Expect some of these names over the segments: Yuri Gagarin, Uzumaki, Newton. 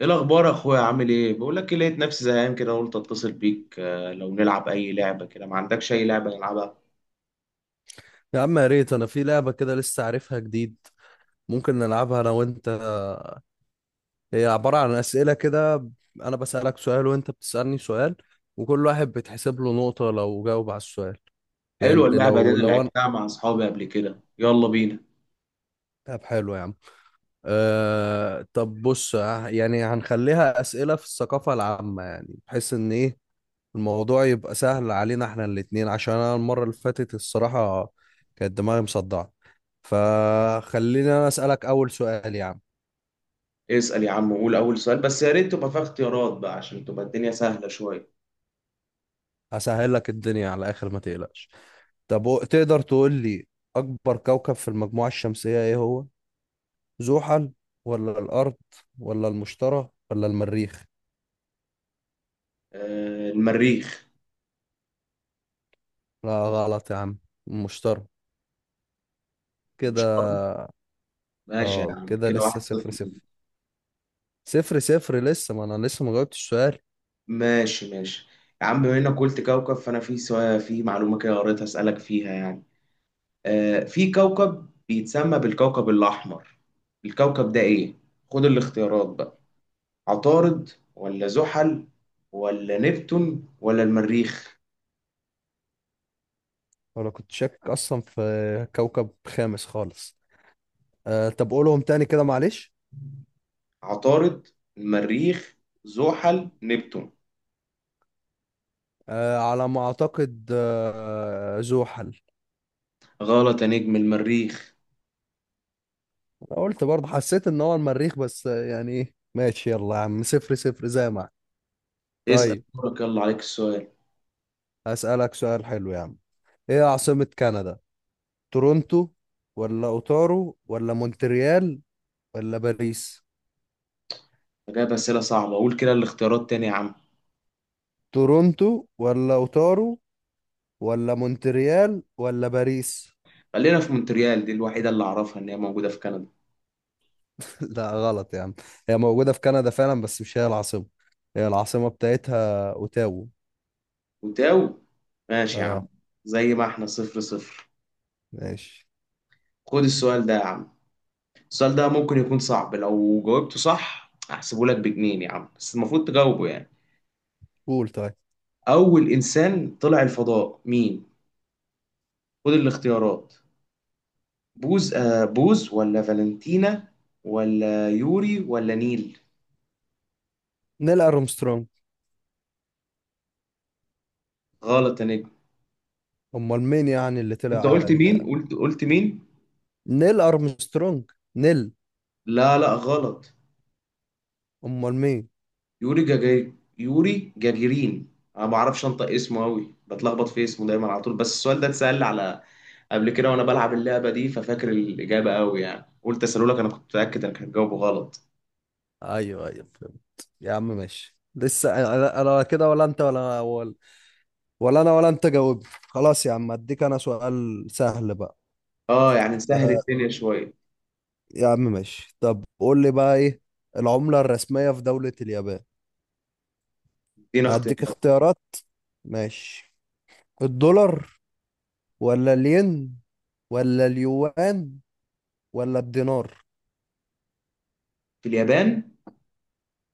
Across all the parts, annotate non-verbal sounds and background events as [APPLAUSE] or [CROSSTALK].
ايه الاخبار يا اخويا؟ عامل ايه؟ بقول لك إيه، لقيت نفسي زهقان كده قلت اتصل بيك. لو نلعب اي لعبه كده، ما عندكش اي لعبه نلعبها؟ يا عم، يا ريت انا في لعبة كده لسه عارفها جديد. ممكن نلعبها انا وانت. هي عبارة عن اسئلة كده. انا بسألك سؤال وانت بتسألني سؤال، وكل واحد بتحسب له نقطة لو جاوب على السؤال. حلوه يعني اللعبه دي، لو انا لو انا. لعبتها مع اصحابي قبل كده، يلا بينا. طب حلو يا عم. طب بص، يعني هنخليها اسئلة في الثقافة العامة، يعني بحيث ان ايه الموضوع يبقى سهل علينا احنا الاتنين، عشان انا المرة اللي فاتت، الصراحة كانت دماغي مصدعة. فخليني انا اسألك اول سؤال يا عم. اسال يا عم وقول اول سؤال، بس يا ريت تبقى فيها اختيارات بقى عشان تبقى الدنيا سهله شويه. هسهل لك الدنيا على الاخر، ما تقلقش. طب تقدر تقول لي اكبر كوكب في المجموعة الشمسية ايه هو؟ زحل ولا الارض ولا المشتري ولا المريخ؟ المريخ. لا غلط يا عم، المشتري مش كده. شرط. ماشي يا اه، عم، كده كده واحد لسه صفر صفر صفر. ليك. صفر صفر لسه، ما انا لسه ما جاوبتش السؤال. ماشي، ماشي، يا عم، بما انك قلت كوكب فانا في سؤال، في معلومه كده قريتها اسالك فيها يعني. في كوكب بيتسمى بالكوكب الأحمر، الكوكب ده إيه؟ خد الاختيارات بقى. عطارد ولا زحل ولا نبتون ولا المريخ؟ ولا كنت شاكك اصلا في كوكب خامس خالص. طب قولهم تاني كده معلش. عطارد، المريخ، زحل، نبتون. على ما اعتقد زحل. غلط يا نجم، المريخ. أنا قلت برضه، حسيت ان هو المريخ، بس يعني ايه، ماشي يلا يا عم، صفر صفر زي ما احنا. اسأل طيب، دورك، يلا عليك السؤال. هسألك سؤال حلو يا عم. ايه عاصمة كندا؟ تورونتو ولا اوتارو ولا مونتريال ولا باريس؟ أنا جايب أسئلة صعبة، أقول كده الاختيارات تاني يا عم. تورونتو ولا اوتارو ولا مونتريال ولا باريس؟ خلينا في مونتريال، دي الوحيدة اللي أعرفها إن هي موجودة في كندا. [LAUGHS] لا غلط يا عم. هي موجودة في كندا فعلا، بس مش هي العاصمة. هي العاصمة بتاعتها اوتاوا. وتاو، ماشي يا اه عم. زي ما احنا 0-0. ماشي. خد السؤال ده يا عم. السؤال ده ممكن يكون صعب، لو جاوبته صح هحسبه لك بجنين يا عم، بس المفروض تجاوبه يعني. قول طيب. أول إنسان طلع الفضاء مين؟ خد الاختيارات. بوز، بوز ولا فالنتينا، ولا يوري ولا نيل؟ نيل ارمسترونج. غلط يا نجم. امال مين يعني اللي أنت طلع؟ قلت مين؟ قلت مين؟ نيل ارمسترونج نيل. لا، لا، غلط. امال مين؟ يوري جاجي، يوري جاجيرين. أنا ما بعرفش أنطق اسمه أوي، بتلخبط في اسمه دايما على طول، بس السؤال ده اتسأل على قبل كده وانا بلعب اللعبه دي ففاكر الاجابه قوي يعني، قلت اسالهولك، انا كنت متاكد انك هتجاوبه غلط. ايوه ايوه، فهمت يا عم، ماشي. لسه أنا كده. ولا انت ولا انا ولا انت جاوبت. خلاص يا عم، اديك انا سؤال سهل بقى. اه يعني نسهل آه الدنيا شويه. يا عم ماشي، طب قول لي بقى ايه العملة الرسمية في دولة اليابان؟ ادينا اختيارات. هديك اختيارات. ماشي، الدولار ولا الين ولا اليوان ولا الدينار؟ في اليابان.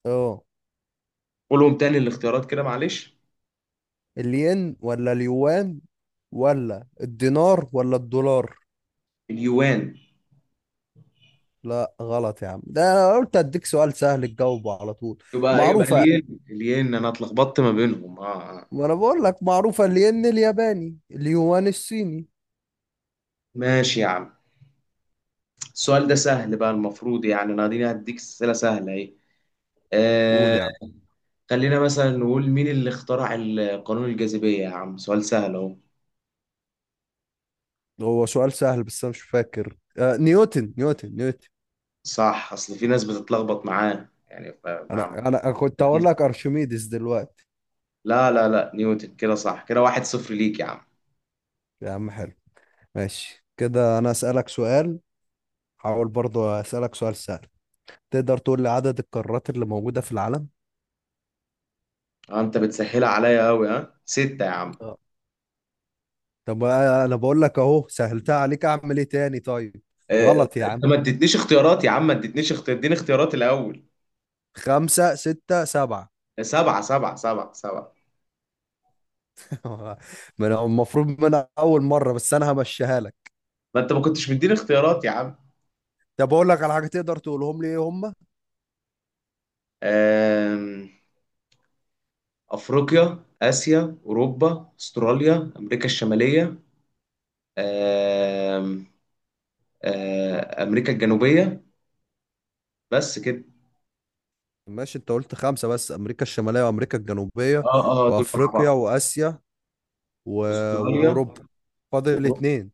اه، قولهم تاني الاختيارات كده معلش. الين ولا اليوان ولا الدينار ولا الدولار؟ اليوان. لا غلط يا عم، ده انا قلت اديك سؤال سهل تجاوبه على طول. يبقى إيه؟ يبقى معروفة، الين، انا اتلخبطت ما بينهم. ما انا بقول لك معروفة، الين الياباني، اليوان الصيني. ماشي يا عم. السؤال ده سهل بقى، المفروض يعني انا اديني، هديك اسئله سهله اهي. قول آه. يا عم. خلينا مثلا نقول مين اللي اخترع قانون الجاذبيه، يا عم سؤال سهل اهو. هو سؤال سهل بس انا مش فاكر. نيوتن نيوتن نيوتن. صح، اصل في ناس بتتلخبط معاه يعني فمع. انا كنت هقول لك ارشميدس دلوقتي. لا، لا، لا، نيوتن، كده صح، كده 1-0 ليك يا عم. يا عم حلو، ماشي كده. انا اسالك سؤال. هحاول برضه اسالك سؤال سهل. تقدر تقول لي عدد القارات اللي موجودة في العالم؟ انت بتسهلها عليا قوي، ها ستة يا عم. اه طب، انا بقول لك اهو، سهلتها عليك اعمل ايه تاني؟ طيب، غلط يا انت عم. ما اديتنيش اختيارات يا عم، ما اديتنيش اختيار، اديني اختيارات الاول. خمسة ستة سبعة؟ سبعة، سبعة، سبعة، سبعة. آه، ما انا المفروض، من أنا اول مره، بس انا همشيها لك. ما انت ما كنتش مديني اختيارات يا عم. طب اقول لك على حاجه، تقدر تقولهم لي ايه هم؟ آم، افريقيا، اسيا، اوروبا، استراليا، امريكا الشمالية، آم، امريكا الجنوبية، بس كده. ماشي، انت قلت خمسه، بس امريكا الشماليه وامريكا الجنوبيه، اه، اه، دول مع وافريقيا بعض. واسيا و... استراليا. واوروبا. فاضل اتنين.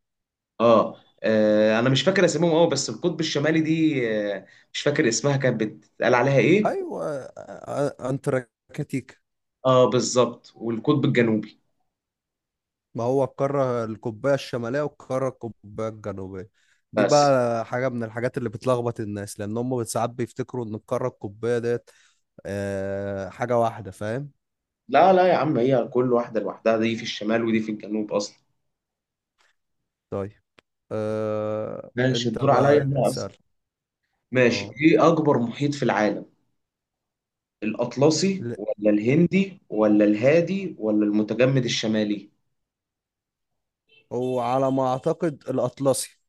انا مش فاكر اسمهم قوي، بس القطب الشمالي دي، آه، مش فاكر اسمها كانت بتتقال عليها ايه. ايوه، انتاركتيكا. اه بالظبط، والقطب الجنوبي. ما هو القاره القطبيه الشماليه والقاره القطبيه الجنوبيه. دي بس. بقى حاجه من الحاجات اللي بتلخبط الناس، لان هم ساعات بيفتكروا ان القاره القطبيه ديت حاجه واحده، فاهم؟ لا، لا، يا عم، هي كل واحده لوحدها، دي في الشمال ودي في الجنوب اصلا. طيب، ماشي انت الدور عليا بقى انا اسأل. اصلا. ماشي، اه ايه اكبر محيط في العالم؟ الاطلسي ل- ولا الهندي ولا الهادي ولا المتجمد الشمالي؟ وعلى ما اعتقد الاطلسي.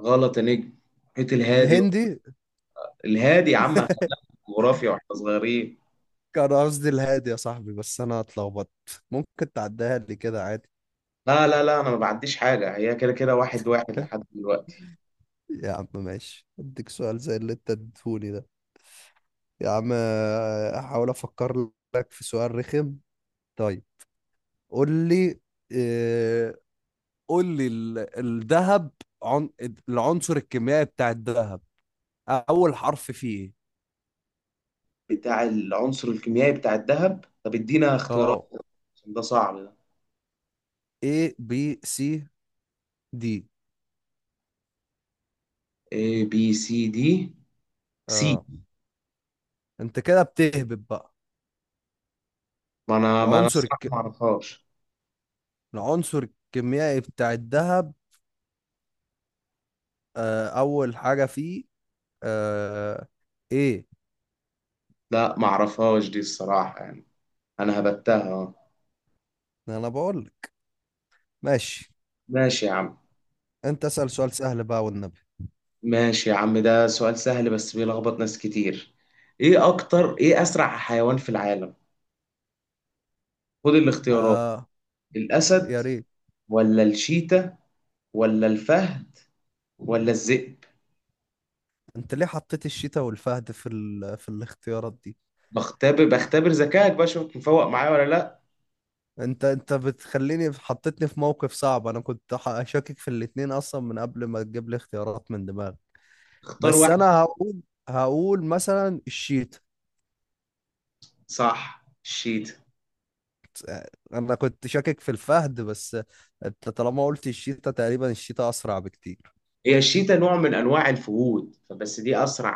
غلط يا نجم، محيط الهادي. الهندي. الهادي يا عم، إحنا جغرافيا واحنا صغيرين. كان قصدي الهادي يا صاحبي، بس انا اتلخبطت. ممكن تعديها لي كده عادي؟ لا، لا، لا، انا ما بعديش حاجه، هي كده كده 1-1 لحد [LAUGHS] دلوقتي. يا عم ماشي، اديك سؤال زي اللي انت اديتهولي ده. يا عم، احاول افكر لك في سؤال رخم. طيب قول لي. آه، قول لي الذهب. عن... العنصر الكيميائي بتاع الذهب، اول حرف فيه ايه؟ بتاع العنصر الكيميائي بتاع الذهب، طب ادينا اختيارات، اه، عشان ده صعب ده. A B C دي. A B، C D. سي. اه انت كده بتهبط بقى. ما انا العنصر الصراحه ما الك... اعرفهاش. العنصر الكيميائي بتاع الذهب، اول حاجة فيه، آه ايه؟ لا ما اعرفهاش دي الصراحه يعني، انا هبتها أهو. انا بقول لك ماشي. ماشي يا عم. انت اسأل سؤال سهل بقى والنبي. ماشي يا عم، ده سؤال سهل بس بيلخبط ناس كتير. ايه اسرع حيوان في العالم؟ خد الاختيارات. آه الاسد يا ريت. ولا الشيتا ولا الفهد ولا الذئب؟ انت ليه حطيت الشتاء والفهد في الاختيارات دي؟ بختبر ذكائك بقى، اشوفك مفوق معايا ولا لا. انت بتخليني، حطيتني في موقف صعب. انا كنت شاكك في الاتنين اصلا من قبل ما تجيب لي اختيارات من دماغك. اختار بس واحد. انا هقول مثلا الشتاء. صح، الشيتا. انا كنت شاكك في الفهد بس. انت طالما قلت الشيتا، تقريبا الشيتا اسرع بكتير. هي الشيتا نوع من انواع الفهود فبس، دي اسرع،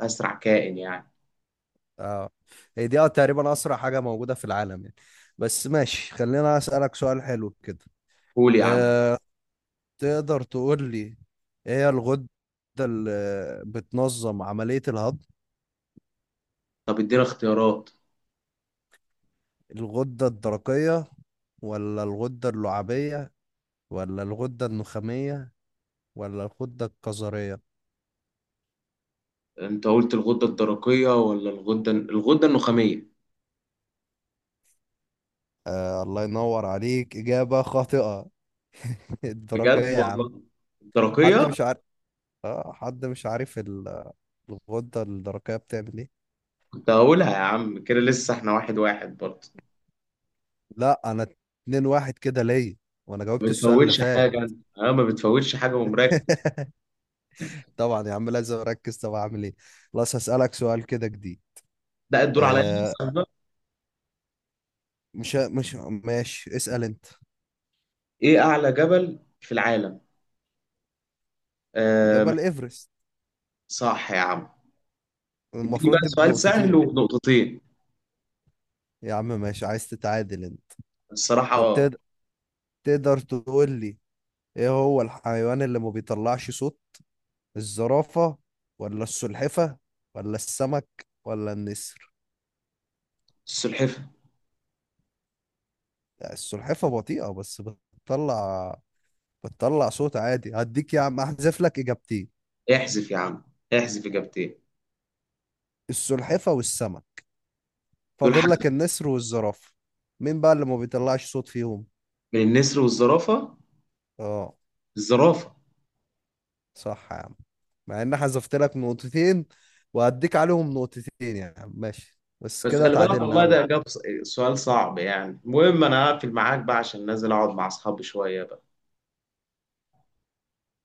اسرع كائن يعني. اه، هي دي تقريبا اسرع حاجه موجوده في العالم يعني. بس ماشي، خلينا اسالك سؤال حلو كده. قول يا عم. أه تقدر تقول لي ايه هي الغده اللي بتنظم عمليه الهضم؟ طب ادينا اختيارات. الغده الدرقيه ولا الغده اللعابيه ولا الغده النخاميه ولا الغده الكظريه؟ انت قلت الغدة الدرقية ولا الغدة النخامية؟ آه الله ينور عليك، إجابة خاطئة. [LAUGHS] الدرقية بجد يا عم. والله، حد الدرقية. مش عارف. اه حد مش عارف الغدة الدرقية بتعمل ايه. كنت هقولها يا عم، كده لسه احنا 1-1 برضه. لا، انا اتنين واحد كده ليا، وانا ما جاوبت السؤال اللي بتفوتش فات. حاجة انت، اه ما بتفوتش حاجة ومراكز. [LAUGHS] طبعا يا عم، لازم اركز طب اعمل ايه. خلاص هسألك سؤال كده جديد. ده الدور عليا آه لسه بقى. مش ماشي، اسأل انت. ايه اعلى جبل في العالم؟ آه، جبل ايفرست. صح يا عم. اديني بقى المفروض دي سؤال سهل بنقطتين. ونقطتين. يا عم ماشي، عايز تتعادل انت؟ طب الصراحة. تقدر تقول لي ايه هو الحيوان اللي ما بيطلعش صوت؟ الزرافة ولا السلحفة ولا السمك ولا النسر؟ السلحفة. السلحفة بطيئة بس بتطلع بتطلع صوت عادي. هديك يا عم احذف لك اجابتين. احذف يا عم، احذف إجابتين. السلحفة والسمك. دول فاضل حذف. لك النسر والزرافة. مين بقى اللي ما بيطلعش صوت فيهم؟ من النسر والزرافة. اه، الزرافة. صح يا عم. مع ان حذفت لك نقطتين، وهديك عليهم نقطتين يا عم، ماشي. بس بس كده خلي بالك، تعادلنا، والله ده يلا إجابة سؤال صعب يعني، المهم أنا هقفل معاك بقى عشان نازل أقعد مع أصحابي شوية بقى.